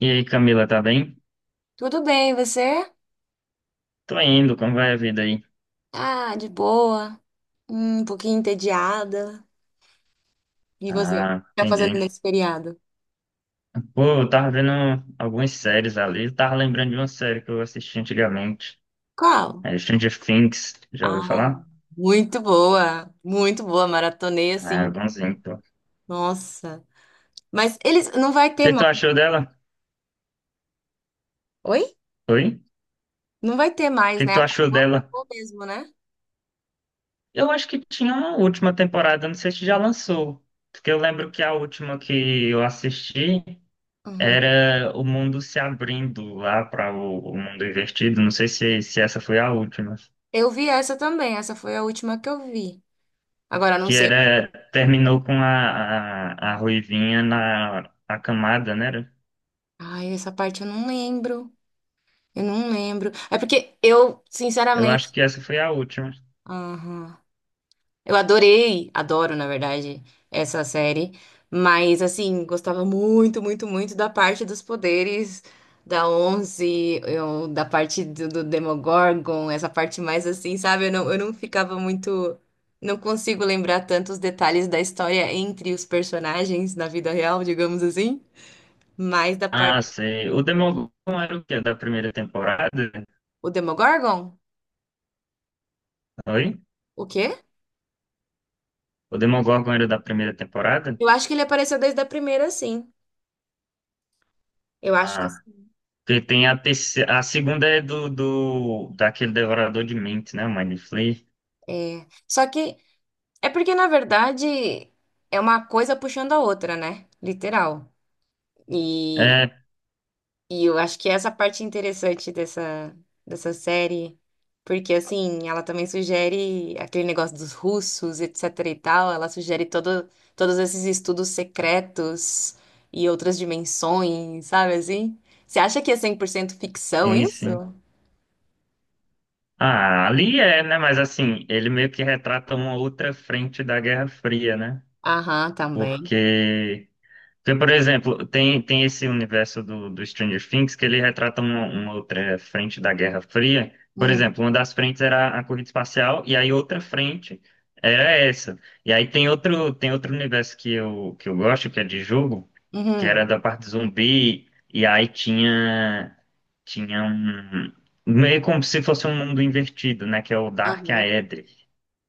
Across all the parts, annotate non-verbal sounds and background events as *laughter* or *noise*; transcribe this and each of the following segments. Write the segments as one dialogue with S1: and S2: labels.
S1: E aí, Camila, tá bem?
S2: Tudo bem, e você?
S1: Tô indo, como vai a vida aí?
S2: Ah, de boa. Um pouquinho entediada. E você? O que
S1: Ah,
S2: tá fazendo
S1: entendi.
S2: nesse feriado?
S1: Pô, eu tava vendo algumas séries ali, eu tava lembrando de uma série que eu assisti antigamente,
S2: Qual?
S1: é Stranger Things, já ouviu
S2: Ah,
S1: falar?
S2: muito boa. Muito boa. Maratonei
S1: Ah,
S2: assim.
S1: bonzinho, pô. O
S2: Nossa. Mas eles não vai ter
S1: que que tu
S2: mais.
S1: achou dela?
S2: Oi?
S1: Oi?
S2: Não vai ter
S1: O
S2: mais,
S1: que que
S2: né?
S1: tu achou
S2: Acabou,
S1: dela?
S2: acabou mesmo, né?
S1: Eu acho que tinha uma última temporada, não sei se já lançou, porque eu lembro que a última que eu assisti
S2: Uhum.
S1: era o mundo se abrindo lá para o mundo invertido, não sei se essa foi a última.
S2: Eu vi essa também. Essa foi a última que eu vi. Agora, não
S1: Que
S2: sei.
S1: era terminou com a Ruivinha na a camada, né?
S2: Ai, essa parte eu não lembro. Eu não lembro. É porque eu,
S1: Eu acho
S2: sinceramente.
S1: que essa foi a última.
S2: Aham. Eu adorei, adoro, na verdade, essa série, mas assim, gostava muito, muito, muito da parte dos poderes da Onze, da parte do Demogorgon, essa parte mais assim, sabe? Eu não ficava muito. Não consigo lembrar tantos detalhes da história entre os personagens na vida real, digamos assim, mas da parte.
S1: Ah, sei. O Demogorgon era o quê? Da primeira temporada?
S2: O Demogorgon?
S1: Oi?
S2: O quê?
S1: O Demogorgon era da primeira temporada?
S2: Eu acho que ele apareceu desde a primeira, sim. Eu acho que
S1: Ah,
S2: sim.
S1: porque tem a terceira, a segunda é do daquele Devorador de Mentes, né? O Mind Flayer.
S2: É. Só que. É porque, na verdade, é uma coisa puxando a outra, né? Literal. E,
S1: É,
S2: e eu acho que essa parte interessante dessa série, porque, assim, ela também sugere aquele negócio dos russos, etc e tal, ela sugere todos esses estudos secretos e outras dimensões, sabe assim? Você acha que é 100% ficção
S1: sim,
S2: isso?
S1: sim. Ah, ali é, né? Mas assim, ele meio que retrata uma outra frente da Guerra Fria, né?
S2: Aham, também.
S1: Porque tem, por exemplo, tem esse universo do Stranger Things que ele retrata uma outra frente da Guerra Fria. Por
S2: Uhum.
S1: exemplo, uma das frentes era a corrida espacial e aí outra frente era essa. E aí tem outro, universo que eu gosto, que é de jogo, que era
S2: Uhum.
S1: da parte zumbi, e aí tinha um, meio como se fosse um mundo invertido, né? Que é o Dark
S2: Aham.
S1: Aether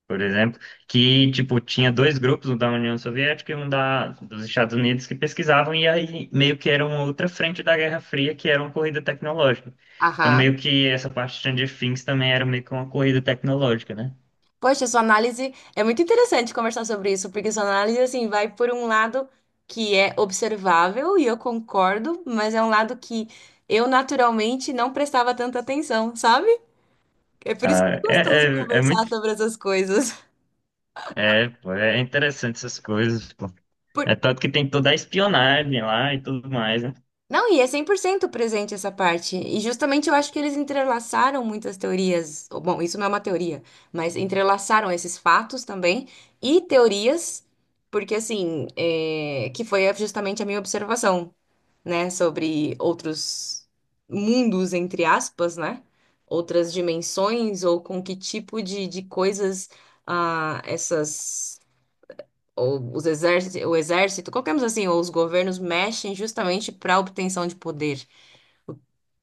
S1: por exemplo, que tipo tinha dois grupos, um da União Soviética e um dos Estados Unidos que pesquisavam e aí meio que era uma outra frente da Guerra Fria que era uma corrida tecnológica. Então meio
S2: Aham.
S1: que essa parte de Stranger Things também era meio que uma corrida tecnológica, né?
S2: Poxa, sua análise é muito interessante conversar sobre isso, porque sua análise assim vai por um lado que é observável e eu concordo, mas é um lado que eu naturalmente não prestava tanta atenção, sabe? É por isso que é
S1: Ah,
S2: gostoso
S1: é
S2: conversar
S1: muito
S2: sobre essas coisas. *laughs*
S1: pô, é interessante essas coisas, pô. É
S2: Por-
S1: tanto que tem toda a espionagem lá e tudo mais, né?
S2: Não, e é 100% presente essa parte. E justamente eu acho que eles entrelaçaram muitas teorias. Ou, bom, isso não é uma teoria, mas entrelaçaram esses fatos também e teorias. Porque assim, é, que foi é, justamente a minha observação. Né, sobre outros mundos, entre aspas, né, outras dimensões, ou com que tipo de coisas ah, essas, ou os exércitos o exército, qualquer coisa assim, ou os governos mexem justamente para obtenção de poder,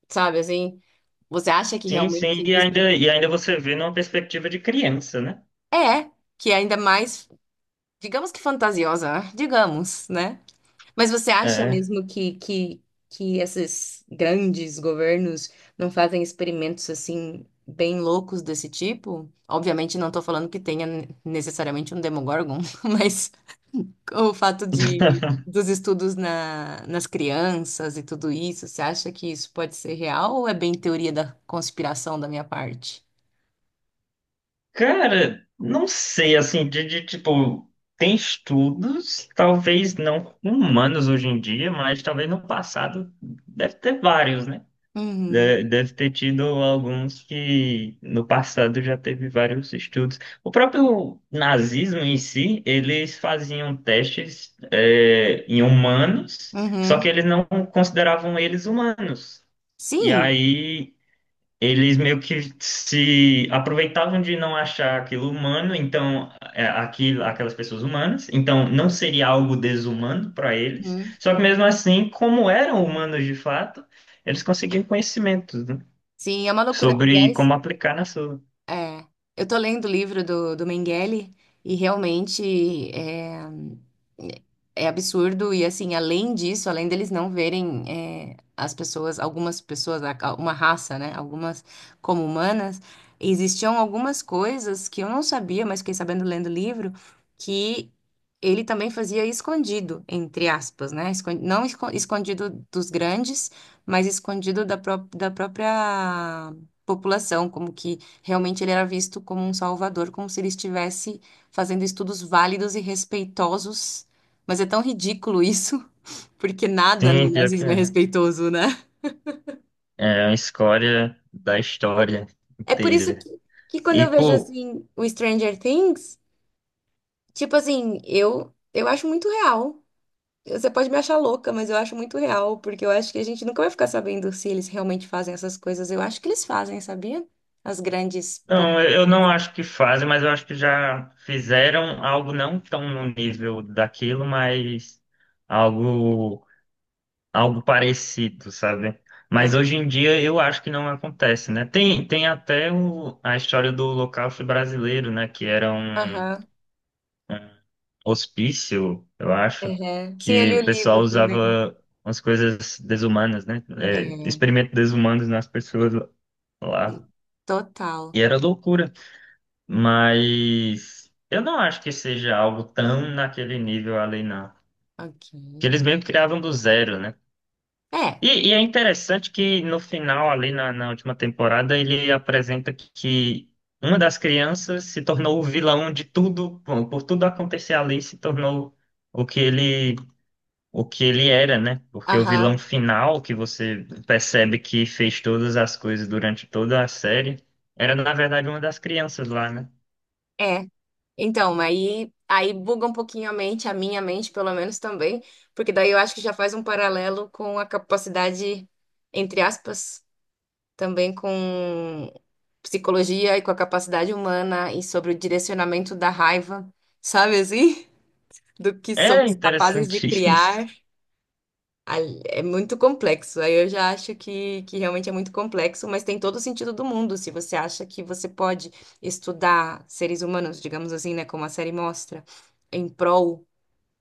S2: sabe, assim, você acha que
S1: Sim,
S2: realmente
S1: sim, e
S2: existem?
S1: ainda, e ainda você vê numa perspectiva de criança, né?
S2: É, que é ainda mais, digamos que fantasiosa, né? Digamos, né? Mas você acha
S1: É.
S2: mesmo que esses grandes governos não fazem experimentos assim bem loucos desse tipo? Obviamente não estou falando que tenha necessariamente um Demogorgon, *laughs* mas o fato de
S1: *laughs*
S2: dos estudos na, nas crianças e tudo isso, você acha que isso pode ser real ou é bem teoria da conspiração da minha parte?
S1: Cara, não sei, assim, tipo, tem estudos, talvez não com humanos hoje em dia, mas talvez no passado deve ter vários, né?
S2: Uhum,
S1: Deve ter tido alguns que no passado já teve vários estudos. O próprio nazismo em si, eles faziam testes, em humanos, só
S2: uhum.
S1: que eles não consideravam eles humanos. E
S2: Sim.
S1: aí eles meio que se aproveitavam de não achar aquilo humano, então aquelas pessoas humanas, então não seria algo desumano para eles.
S2: Uhum.
S1: Só que mesmo assim, como eram humanos de fato, eles conseguiam conhecimentos, né,
S2: Sim, é uma loucura.
S1: sobre
S2: Aliás,
S1: como aplicar na sua.
S2: é, eu tô lendo o livro do Mengele e realmente é é absurdo. E assim, além disso, além deles não verem é, as pessoas, algumas pessoas, a- uma raça, né? Algumas como humanas, existiam algumas coisas que eu não sabia, mas fiquei sabendo lendo o livro, que ele também fazia escondido, entre aspas, né? Escon- não esco- escondido dos grandes, mas escondido da, pró- da própria população, como que. Realmente ele era visto como um salvador, como se ele estivesse fazendo estudos válidos e respeitosos. Mas é tão ridículo isso, *laughs* porque nada no
S1: Sim, pior que
S2: nazismo é
S1: é.
S2: respeitoso, né?
S1: É a escória da história
S2: É por isso
S1: inteira.
S2: que quando
S1: E,
S2: eu vejo
S1: pô.
S2: assim o Stranger Things, tipo assim, eu acho muito real. Você pode me achar louca, mas eu acho muito real, porque eu acho que a gente nunca vai ficar sabendo se eles realmente fazem essas coisas. Eu acho que eles fazem, sabia? As grandes
S1: Não, eu
S2: potências.
S1: eu não acho que fazem, mas eu acho que já fizeram algo não tão no nível daquilo, mas algo algo parecido, sabe? Mas
S2: Ah,
S1: hoje em dia eu acho que não acontece, né? Tem até a história do Holocausto brasileiro, né? Que era um
S2: aham.
S1: hospício, eu acho,
S2: Uhum. Sim, eu
S1: que
S2: li o
S1: o pessoal
S2: livro também.
S1: usava umas coisas desumanas, né? É,
S2: É.
S1: experimentos desumanos nas pessoas lá.
S2: Total.
S1: E era loucura. Mas eu não acho que seja algo tão naquele nível ali, não.
S2: Ok.
S1: Que eles meio que criavam do zero, né?
S2: É.
S1: E é interessante que no final, ali na última temporada, ele apresenta que uma das crianças se tornou o vilão de tudo, bom, por tudo acontecer ali, se tornou o que ele, o que ele era, né? Porque o vilão
S2: Aham.
S1: final, que você percebe que fez todas as coisas durante toda a série, era na verdade uma das crianças lá, né?
S2: É. Então, aí buga um pouquinho a mente, a minha mente, pelo menos também, porque daí eu acho que já faz um paralelo com a capacidade, entre aspas, também com psicologia e com a capacidade humana e sobre o direcionamento da raiva, sabe assim? *laughs* Do que
S1: É
S2: somos capazes de
S1: interessante *laughs* isso.
S2: criar. Ali- é muito complexo. Aí eu já acho que realmente é muito complexo, mas tem todo o sentido do mundo. Se você acha que você pode estudar seres humanos, digamos assim, né, como a série mostra, em prol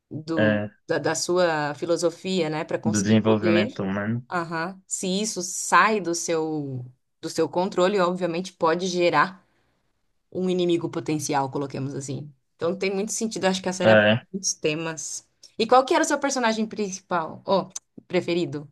S1: eh,
S2: da sua filosofia, né, para
S1: do
S2: conseguir poder,
S1: desenvolvimento humano.
S2: aham, se isso sai do seu controle, obviamente pode gerar um inimigo potencial, coloquemos assim. Então tem muito sentido. Acho que a série aborda
S1: Eh,
S2: muitos temas. E qual que era o seu personagem principal? Oh, preferido?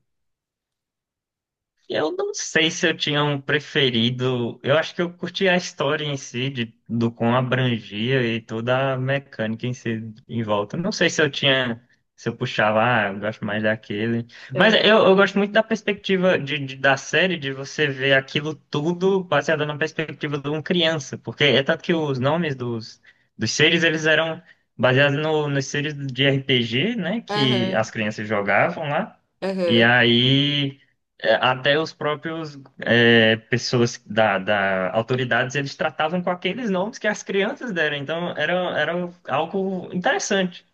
S1: Eu não sei se eu tinha um preferido. Eu acho que eu curti a história em si, do quão abrangia e toda a mecânica em si em volta. Não sei se eu tinha. Se eu puxava, ah, eu gosto mais daquele. Mas
S2: Aham,
S1: eu gosto muito da perspectiva da série, de você ver aquilo tudo baseado na perspectiva de uma criança. Porque é tanto que os nomes dos seres, eles eram baseados no, nos seres de RPG, né? Que as
S2: aham,
S1: crianças jogavam lá. E
S2: aham,
S1: aí. Até os próprios pessoas da autoridades eles tratavam com aqueles nomes que as crianças deram, então era algo interessante.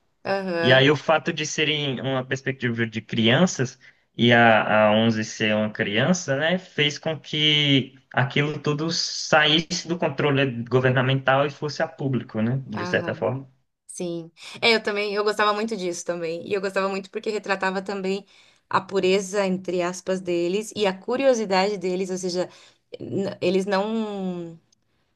S1: E
S2: aham,
S1: aí o fato de serem uma perspectiva de crianças e a Onze ser uma criança, né, fez com que aquilo tudo saísse do controle governamental e fosse a público, né, de certa
S2: aham,
S1: forma.
S2: sim. É, eu também, eu gostava muito disso também. E eu gostava muito porque retratava também a pureza, entre aspas, deles e a curiosidade deles, ou seja, n- eles não.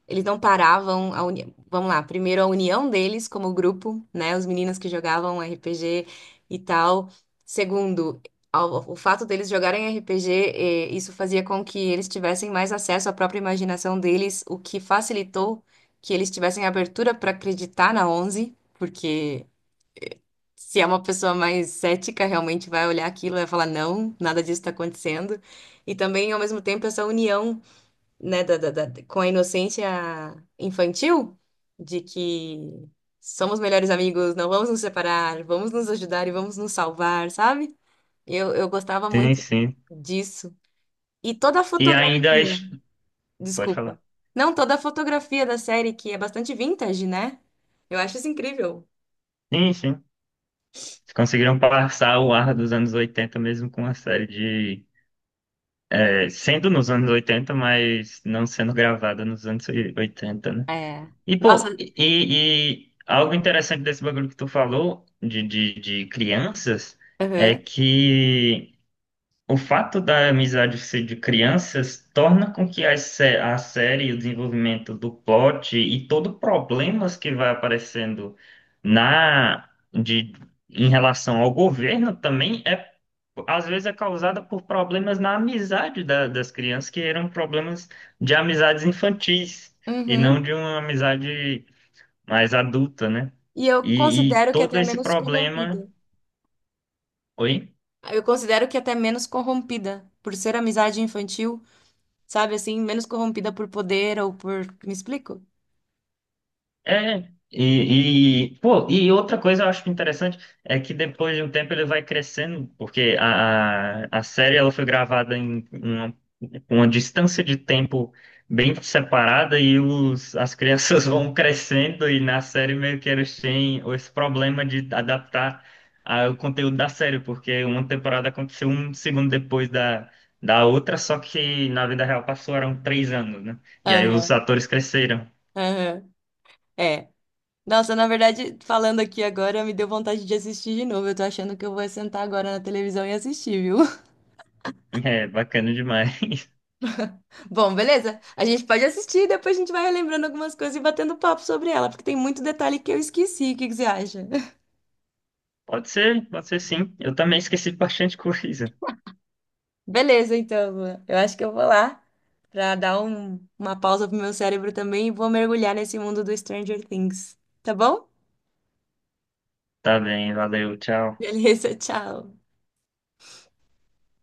S2: Eles não paravam a uni... Vamos lá, primeiro a união deles como grupo, né? Os meninos que jogavam RPG e tal. Segundo, ao- o fato deles jogarem RPG, isso fazia com que eles tivessem mais acesso à própria imaginação deles, o que facilitou que eles tivessem abertura para acreditar na Onze, porque se é uma pessoa mais cética, realmente vai olhar aquilo e vai falar, não, nada disso está acontecendo. E também, ao mesmo tempo, essa união né, com a inocência infantil, de que somos melhores amigos, não vamos nos separar, vamos nos ajudar e vamos nos salvar, sabe? Eu gostava
S1: Sim,
S2: muito
S1: sim.
S2: disso. E toda a
S1: E ainda
S2: fotografia,
S1: pode falar.
S2: desculpa. Não, toda a fotografia da série, que é bastante vintage, né? Eu acho isso incrível.
S1: Sim, sim. Eles conseguiram passar o ar dos anos 80 mesmo com uma série de, sendo nos anos 80, mas não sendo gravada nos anos 80, né?
S2: É.
S1: E,
S2: Nossa,
S1: pô, e algo interessante desse bagulho que tu falou de crianças é
S2: aham.
S1: que. O fato da amizade ser de crianças torna com que a série, o desenvolvimento do plot e todo o problemas que vai aparecendo na de em relação ao governo também é às vezes é causada por problemas na amizade das crianças que eram problemas de amizades infantis e não
S2: Uhum.
S1: de uma amizade mais adulta, né?
S2: E eu
S1: E
S2: considero que é
S1: todo
S2: até
S1: esse
S2: menos corrompida.
S1: problema, oi?
S2: Eu considero que é até menos corrompida por ser amizade infantil. Sabe assim, menos corrompida por poder ou por. Me explico?
S1: É, pô, e outra coisa eu acho interessante é que depois de um tempo ele vai crescendo, porque a série ela foi gravada em uma distância de tempo bem separada e as crianças *laughs* vão crescendo e na série meio que eles têm esse problema de adaptar o conteúdo da série, porque uma temporada aconteceu um segundo depois da outra, só que na vida real passaram 3 anos, né? E aí os
S2: Aham,
S1: atores cresceram. *laughs*
S2: aham, é. Nossa, na verdade, falando aqui agora, me deu vontade de assistir de novo. Eu tô achando que eu vou sentar agora na televisão e assistir, viu?
S1: É, bacana demais.
S2: *laughs* Bom, beleza? A gente pode assistir e depois a gente vai relembrando algumas coisas e batendo papo sobre ela, porque tem muito detalhe que eu esqueci. O que que você acha? *laughs*
S1: Pode ser sim. Eu também esqueci bastante *laughs* coisa.
S2: Beleza, então, Lua. Eu acho que eu vou lá pra dar um- uma pausa pro meu cérebro também e vou mergulhar nesse mundo do Stranger Things, tá bom?
S1: Tá bem, valeu, tchau.
S2: Beleza, tchau.